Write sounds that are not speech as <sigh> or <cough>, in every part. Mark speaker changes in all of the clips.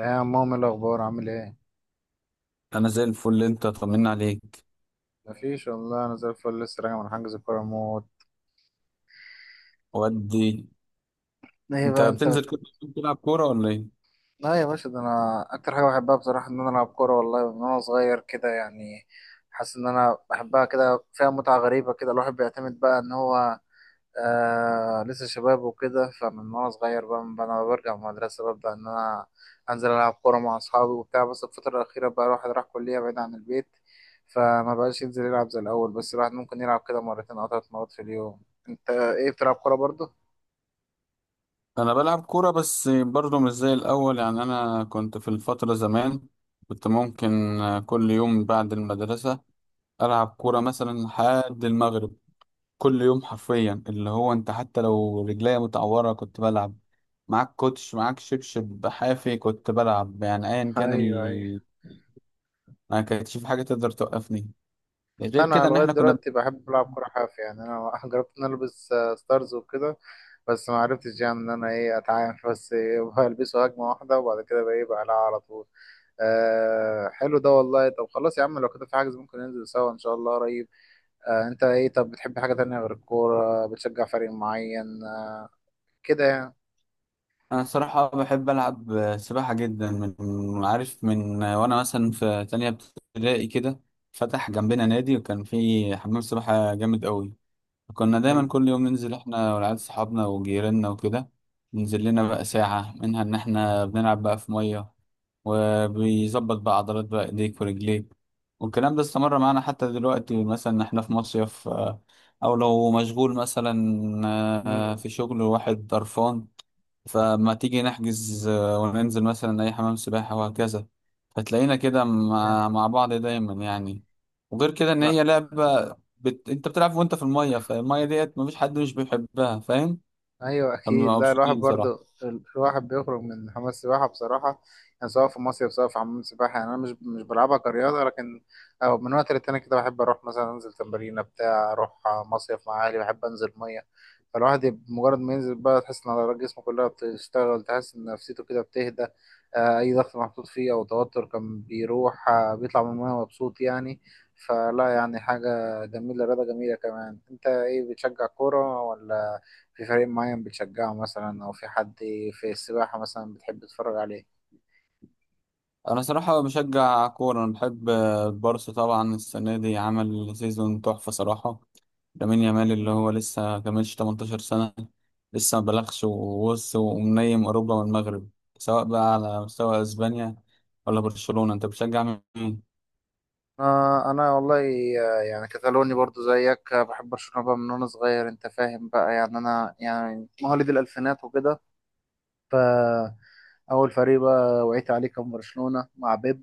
Speaker 1: إيه يا عم، إيه الأخبار؟ عامل إيه؟
Speaker 2: انا زي الفل، انت طمنا عليك
Speaker 1: مفيش والله، أنا زي الفل، لسه راجع من حجز كورة موت.
Speaker 2: ودي.
Speaker 1: إيه
Speaker 2: انت
Speaker 1: بقى أنت بت...
Speaker 2: بتنزل كل يوم تلعب كوره ولا ايه؟
Speaker 1: لا يا باشا، ده أنا أكتر حاجة بحبها بصراحة إن أنا ألعب كورة. والله من وأنا صغير كده يعني، حاسس إن أنا بحبها، كده فيها متعة غريبة. كده الواحد بيعتمد بقى إن هو لسه شباب وكده. فمن وانا صغير بقى، من انا برجع من المدرسه ببدا ان انا انزل العب كوره مع اصحابي وبتاع. بس الفتره الاخيره بقى الواحد راح كليه بعيد عن البيت، فما بقاش ينزل يلعب زي الاول. بس الواحد ممكن يلعب كده مرتين او ثلاث مرات في اليوم. انت ايه، بتلعب كوره برضه؟
Speaker 2: انا بلعب كوره بس برضه مش زي الاول. يعني انا كنت في الفتره زمان كنت ممكن كل يوم بعد المدرسه العب كوره
Speaker 1: مم.
Speaker 2: مثلا لحد المغرب. كل يوم حرفيا اللي هو انت حتى لو رجليا متعوره كنت بلعب معاك كوتش، معاك شبشب حافي كنت بلعب. يعني ايا
Speaker 1: <laughs>
Speaker 2: كان
Speaker 1: ايوه، ايوه.
Speaker 2: ما كانتش في حاجه تقدر توقفني
Speaker 1: لا،
Speaker 2: غير
Speaker 1: انا
Speaker 2: كده ان
Speaker 1: لغايه
Speaker 2: احنا كنا.
Speaker 1: دلوقتي بحب العب كوره حافي. يعني انا <laughs> جربت ان أنا البس ستارز وكده، بس ما عرفتش يعني ان انا ايه اتعامل. بس إيه، <laughs> بلبسه هجمه واحده وبعد كده بقى ايه بقلعها على طول. آه حلو ده والله. طب خلاص يا عم، لو كده في حاجز ممكن ننزل سوا ان شاء الله قريب. آه، انت ايه؟ طب بتحب حاجة تانية غير الكورة؟ بتشجع فريق معين؟ آه كده يعني.
Speaker 2: انا الصراحه بحب العب سباحه جدا. من عارف من وانا مثلا في تانية ابتدائي كده، فتح
Speaker 1: مم.
Speaker 2: جنبنا نادي وكان فيه حمام سباحه جامد قوي. كنا
Speaker 1: حلو.
Speaker 2: دايما كل يوم ننزل احنا والعيال صحابنا وجيراننا وكده، ننزل لنا بقى ساعة منها ان احنا بنلعب بقى في مية، وبيظبط بقى عضلات بقى ايديك ورجليك. والكلام ده استمر معانا حتى دلوقتي، مثلا احنا في مصيف او لو مشغول مثلا
Speaker 1: مم.
Speaker 2: في شغل واحد طرفان، فما تيجي نحجز وننزل مثلا أي حمام سباحة وهكذا. فتلاقينا كده
Speaker 1: جامد.
Speaker 2: مع بعض دايما يعني. وغير كده إن
Speaker 1: لا.
Speaker 2: هي لعبة انت بتلعب وانت في الميه، فالميه ديت مفيش حد مش بيحبها، فاهم.
Speaker 1: ايوه
Speaker 2: احنا
Speaker 1: اكيد.
Speaker 2: بنبقى
Speaker 1: لا الواحد
Speaker 2: مبسوطين صراحه.
Speaker 1: برضو الواحد بيخرج من حمام السباحه بصراحه يعني، سواء في مصيف سواء في حمام السباحه. يعني انا مش بلعبها كرياضه، لكن أو من وقت للتاني كده بحب اروح مثلا انزل تمرينه، بتاع اروح مصيف مع اهلي، بحب انزل ميه. فالواحد مجرد ما ينزل بقى تحس ان عضلات جسمه كلها بتشتغل، تحس ان نفسيته كده بتهدى. اي ضغط محطوط فيه او توتر كان بيروح، بيطلع من الميه مبسوط يعني. فلا يعني حاجه جميله، رياضه جميله. كمان انت ايه، بتشجع كوره ولا في فريق معين بتشجعه مثلا، او في حد في السباحة مثلا بتحب تتفرج عليه؟
Speaker 2: انا صراحه بشجع كوره. انا بحب البارسا طبعا. السنه دي عمل سيزون تحفه صراحه. لامين يامال اللي
Speaker 1: مم.
Speaker 2: هو لسه كملش 18 سنه، لسه ما بلغش، ووص ومنيم اوروبا والمغرب، سواء بقى على مستوى اسبانيا ولا برشلونه. انت بتشجع مين؟
Speaker 1: آه انا والله، يعني كتالوني برضو زيك. بحب برشلونة بقى من وانا صغير، انت فاهم بقى يعني. انا يعني مواليد الالفينات وكده، ف اول فريق بقى وعيت عليه كان برشلونة مع بيب.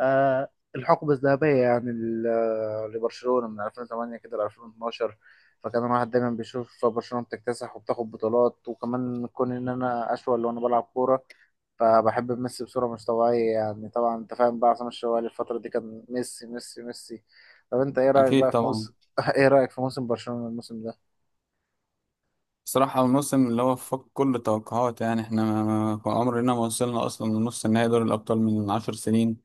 Speaker 1: آه، الحقبة الذهبية يعني، لبرشلونة من 2008 كده ل 2012. فكان الواحد دايما بيشوف برشلونة بتكتسح وبتاخد بطولات، وكمان كون إن أنا أشول وأنا بلعب كورة، فبحب ميسي بصورة مش طبيعية يعني. طبعا أنت فاهم بقى، عصام الشوالي الفترة دي كان ميسي ميسي ميسي. طب أنت إيه رأيك
Speaker 2: اكيد
Speaker 1: بقى في
Speaker 2: طبعا
Speaker 1: موسم <laughs> إيه رأيك في موسم برشلونة الموسم ده؟
Speaker 2: بصراحة الموسم اللي هو فوق كل التوقعات. يعني احنا كان عمرنا ما وصلنا أصلا لنص النهائي دوري الأبطال من 10 سنين.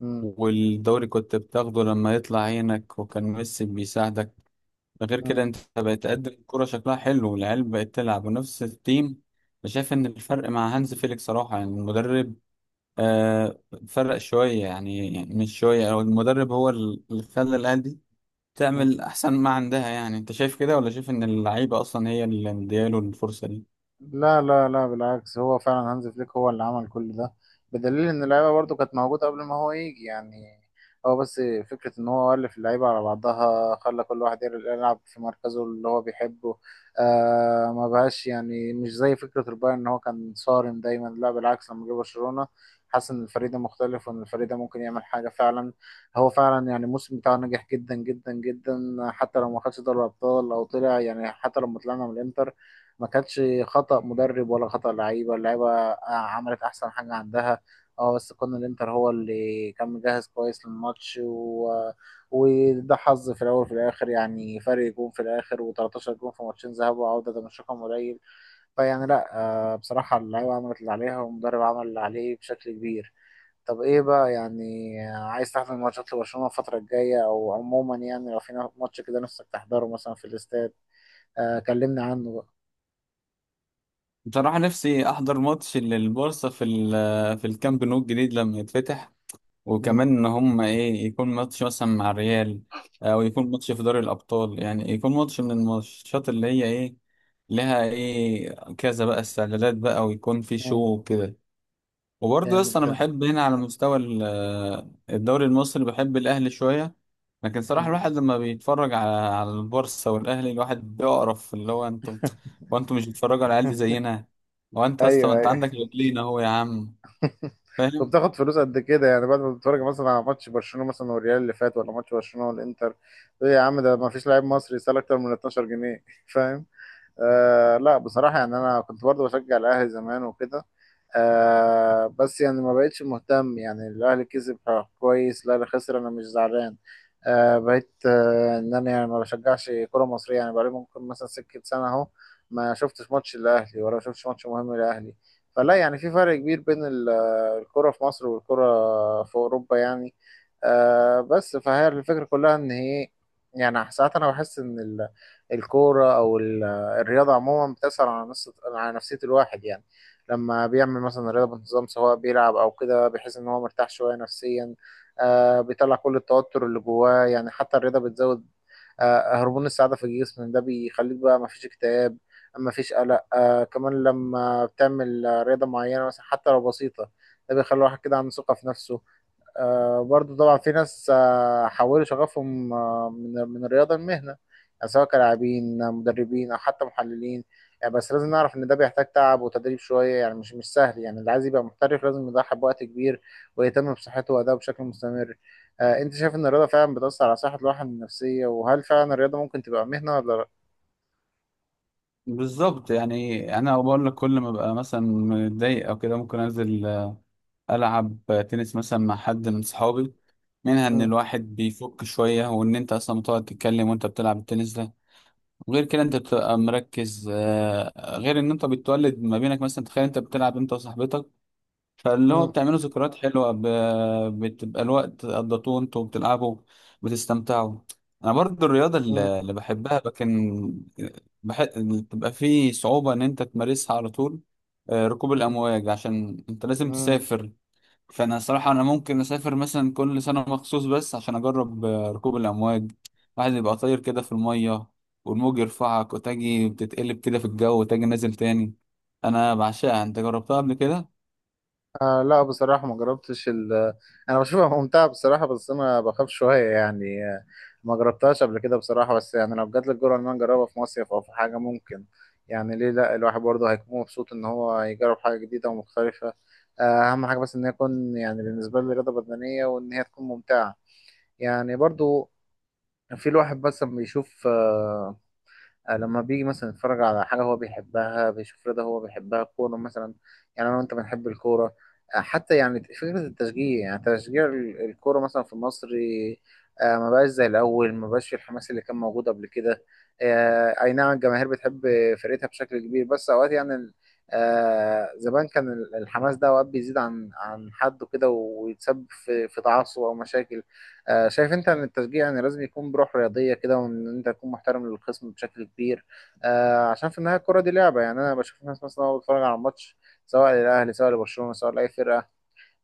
Speaker 1: مم.
Speaker 2: والدوري كنت بتاخده لما يطلع عينك وكان ميسي بيساعدك. ده غير كده انت بقيت تقدم الكرة شكلها حلو، والعيال بقت تلعب، ونفس التيم. أنا شايف إن الفرق مع هانز فيليك صراحة يعني المدرب آه فرق شوية، يعني, يعني مش شوية. أو المدرب هو اللي خلى العيال دي
Speaker 1: مم.
Speaker 2: تعمل أحسن ما عندها. يعني أنت شايف كده، ولا شايف إن اللعيبة أصلا هي اللي مدياله الفرصة دي؟
Speaker 1: لا لا لا، بالعكس، هو فعلا هانز فليك هو اللي عمل كل ده، بدليل ان اللعيبه برضو كانت موجوده قبل ما هو يجي يعني. هو بس فكره ان هو الف اللعيبه على بعضها، خلى كل واحد يلعب في مركزه اللي هو بيحبه. آه، ما بقاش يعني مش زي فكره البايرن ان هو كان صارم دايما. لا بالعكس، لما جه برشلونه حاسس ان الفريق ده مختلف، وان الفريق ده ممكن يعمل حاجه فعلا. هو فعلا يعني الموسم بتاعه نجح جدا جدا جدا، حتى لو ما خدش دوري الابطال او طلع يعني. حتى لما طلعنا من الانتر ما كانتش خطأ مدرب ولا خطأ لعيبة. اللعيبة عملت أحسن حاجة عندها، اه بس كان الانتر هو اللي كان مجهز كويس للماتش و... وده حظ في الأول وفي الآخر يعني. فرق جون في الآخر و13 جون في ماتشين، ذهاب وعودة، ده مش رقم قليل. فيعني لأ، آه بصراحة اللعيبة عملت اللي عليها والمدرب عمل اللي عليه بشكل كبير. طب ايه بقى يعني، عايز تحضر ماتشات لبرشلونة الفترة الجاية؟ أو عموما يعني لو في ماتش كده نفسك تحضره مثلا في الاستاد، آه كلمني عنه بقى.
Speaker 2: بصراحة نفسي أحضر ماتش للبورصة في في الكامب نو الجديد لما يتفتح،
Speaker 1: مم.
Speaker 2: وكمان إن هم إيه يكون ماتش مثلا مع الريال، أو يكون ماتش في دوري الأبطال، يعني يكون ماتش من الماتشات اللي هي إيه، لها إيه كذا بقى استعدادات بقى، ويكون في
Speaker 1: مم.
Speaker 2: شو وكده. وبرضه يا اسطى
Speaker 1: جامد
Speaker 2: انا
Speaker 1: ده.
Speaker 2: بحب هنا على مستوى الدوري المصري، بحب الاهلي شويه. لكن صراحه
Speaker 1: مم.
Speaker 2: الواحد لما بيتفرج على البورصه والاهلي الواحد بيقرف اللي هو انتوا،
Speaker 1: <laughs>
Speaker 2: وانتوا مش بتتفرجوا على العيال دي زينا. وانت يا اسطى ما
Speaker 1: ايوه
Speaker 2: انت
Speaker 1: ايوه.
Speaker 2: عندك رجلين اهو يا عم،
Speaker 1: <laughs>
Speaker 2: فاهم.
Speaker 1: وبتاخد فلوس قد كده يعني؟ بعد ما بتتفرج مثلا على ماتش برشلونه مثلا والريال اللي فات، ولا ماتش برشلونه والانتر، تقول يا عم ده ما فيش لاعب مصري يسال اكتر من 12 جنيه. <laughs> فاهم؟ آه لا بصراحة يعني، أنا كنت برضه بشجع الأهلي زمان وكده، آه بس يعني ما بقتش مهتم يعني. الأهلي كسب، كويس، الأهلي خسر، أنا مش زعلان. آه بقيت إن أنا يعني ما بشجعش كرة مصرية يعني. بقالي ممكن مثلا سكة سنة أهو ما شفتش ماتش الأهلي ولا شفتش ماتش مهم للأهلي. فلا يعني في فرق كبير بين الكرة في مصر والكرة في أوروبا يعني. آه بس فهي الفكرة كلها إن هي، يعني ساعات أنا بحس إن ال- الكورة أو ال الرياضة عموما بتأثر على نفسية الواحد يعني. لما بيعمل مثلا رياضة بانتظام، سواء بيلعب أو كده، بيحس إن هو مرتاح شوية نفسيا، آه بيطلع كل التوتر اللي جواه يعني. حتى الرياضة بتزود آه هرمون السعادة في الجسم، ده بيخليك بقى مفيش اكتئاب، مفيش قلق. آه كمان لما بتعمل رياضة معينة مثلا، حتى لو بسيطة، ده بيخلي الواحد كده عنده ثقة في نفسه. آه برضو طبعا في ناس حولوا شغفهم من الرياضة لمهنة، يعني سواء كلاعبين، مدربين أو حتى محللين يعني. بس لازم نعرف إن ده بيحتاج تعب وتدريب شوية يعني، مش سهل يعني. اللي عايز يبقى محترف لازم يضحي بوقت كبير ويهتم بصحته وأدائه بشكل مستمر. آه، أنت شايف إن الرياضة فعلا بتأثر على صحة الواحد النفسية؟ وهل فعلا الرياضة ممكن تبقى مهنة ولا لأ؟
Speaker 2: بالظبط. يعني انا بقول لك كل ما ببقى مثلا متضايق او كده ممكن انزل العب تنس مثلا مع حد من صحابي. منها ان
Speaker 1: مم.
Speaker 2: الواحد بيفك شويه، وان انت اصلا بتقعد تتكلم وانت بتلعب التنس ده. غير كده انت بتبقى مركز، غير ان انت بتولد ما بينك. مثلا تخيل انت بتلعب انت وصاحبتك، فاللي هو
Speaker 1: مم.
Speaker 2: بتعملوا ذكريات حلوة، بتبقى الوقت قضيتوه انتوا بتلعبوا، بتستمتعوا. انا برضو الرياضة
Speaker 1: مم.
Speaker 2: اللي بحبها، لكن بتبقى فيه صعوبة ان انت تمارسها على طول، ركوب
Speaker 1: مم.
Speaker 2: الامواج، عشان انت لازم
Speaker 1: مم.
Speaker 2: تسافر. فانا صراحه انا ممكن اسافر مثلا كل سنه مخصوص بس عشان اجرب ركوب الامواج. واحد يبقى طاير كده في الميه، والموج يرفعك، وتجي بتتقلب كده في الجو، وتجي نازل تاني. انا بعشقها. انت جربتها قبل كده؟
Speaker 1: آه لا بصراحة ما جربتش <laughs> أنا بشوفها ممتعة بصراحة، بس أنا بخاف شوية يعني. ما جربتهاش قبل كده بصراحة، بس يعني لو جات لي الجرأة إن أنا أجربها في مصيف أو في حاجة، ممكن يعني، ليه لا؟ الواحد برضه هيكون مبسوط إن هو يجرب حاجة جديدة ومختلفة. آه، أهم حاجة بس إن هي تكون يعني بالنسبة لي رياضة بدنية، وإن هي تكون ممتعة يعني. برضه في الواحد بس لما يشوف، لما بيجي مثلا يتفرج على حاجة هو بيحبها، بيشوف رضا هو بيحبها، كورة مثلا. يعني أنا وأنت بنحب الكورة. حتى يعني فكرة التشجيع، يعني تشجيع الكورة مثلا في مصر، ما بقاش زي الأول، ما بقاش في الحماس اللي كان موجود قبل كده. أي نعم الجماهير بتحب فرقتها بشكل كبير، بس أوقات يعني زمان كان الحماس ده أوقات بيزيد عن حده كده، ويتسبب في تعصب أو مشاكل. شايف انت ان التشجيع يعني لازم يكون بروح رياضيه كده، وان انت تكون محترم للخصم بشكل كبير، عشان في النهايه الكره دي لعبه يعني. انا بشوف ناس مثلا وهو بتفرج على الماتش، سواء للاهلي سواء لبرشلونه سواء لاي فرقه،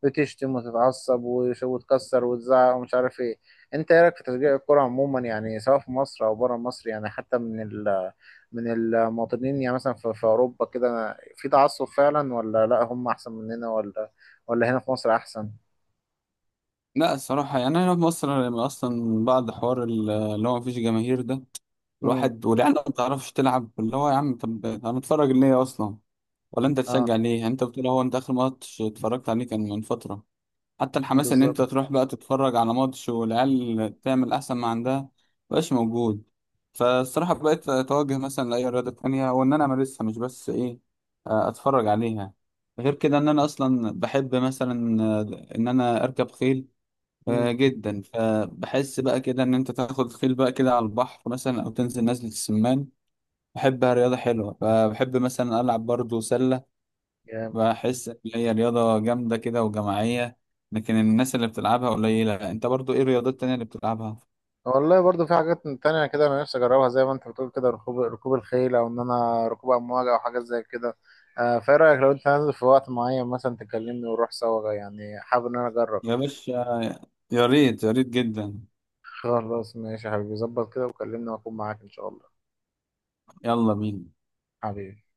Speaker 1: بتشتم وتتعصب وتكسر وتزعق ومش عارف ايه. انت ايه رايك في تشجيع الكره عموما يعني، سواء في مصر او بره مصر؟ يعني حتى من من المواطنين يعني، مثلا في اوروبا كده في تعصب فعلا، ولا لا هم احسن مننا، ولا هنا في مصر احسن؟
Speaker 2: لا الصراحه يعني انا في مصر لما اصلا بعد حوار اللي هو مفيش جماهير ده،
Speaker 1: امم.
Speaker 2: الواحد والعيال ما بتعرفش تلعب اللي هو يا عم، طب هنتفرج ليه اصلا؟ ولا انت تشجع
Speaker 1: اه.
Speaker 2: ليه؟ يعني انت بتقول هو انت اخر ماتش اتفرجت عليه كان من فتره. حتى الحماس ان انت
Speaker 1: بالظبط.
Speaker 2: تروح بقى تتفرج على ماتش والعيال تعمل احسن ما عندها مبقاش موجود. فالصراحة بقيت اتوجه مثلا لأي رياضة تانية وان انا امارسها مش بس ايه اتفرج عليها. غير كده ان انا اصلا بحب مثلا ان انا اركب خيل جدا. فبحس بقى كده ان انت تاخد خيل بقى كده على البحر مثلا او تنزل نزلة السمان، بحبها، رياضة حلوة. فبحب مثلا العب برضو سلة،
Speaker 1: جامد.
Speaker 2: بحس ان هي رياضة جامدة كده وجماعية، لكن الناس اللي بتلعبها قليلة. انت برضو ايه الرياضات التانية اللي بتلعبها؟
Speaker 1: والله برضو في حاجات تانية كده انا نفسي اجربها، زي ما انت بتقول كده، ركوب الخيل او ان انا ركوب امواج او حاجات زي كده. فايه رايك لو انت نازل في وقت معين مثلا تكلمني ونروح سوا؟ يعني حابب ان انا اجرب
Speaker 2: يا
Speaker 1: يعني.
Speaker 2: باشا، يا ريت، يا ريت جدا.
Speaker 1: خلاص ماشي يا حبيبي، ظبط كده وكلمني واكون معاك ان شاء الله.
Speaker 2: يلا بينا.
Speaker 1: حبيبي.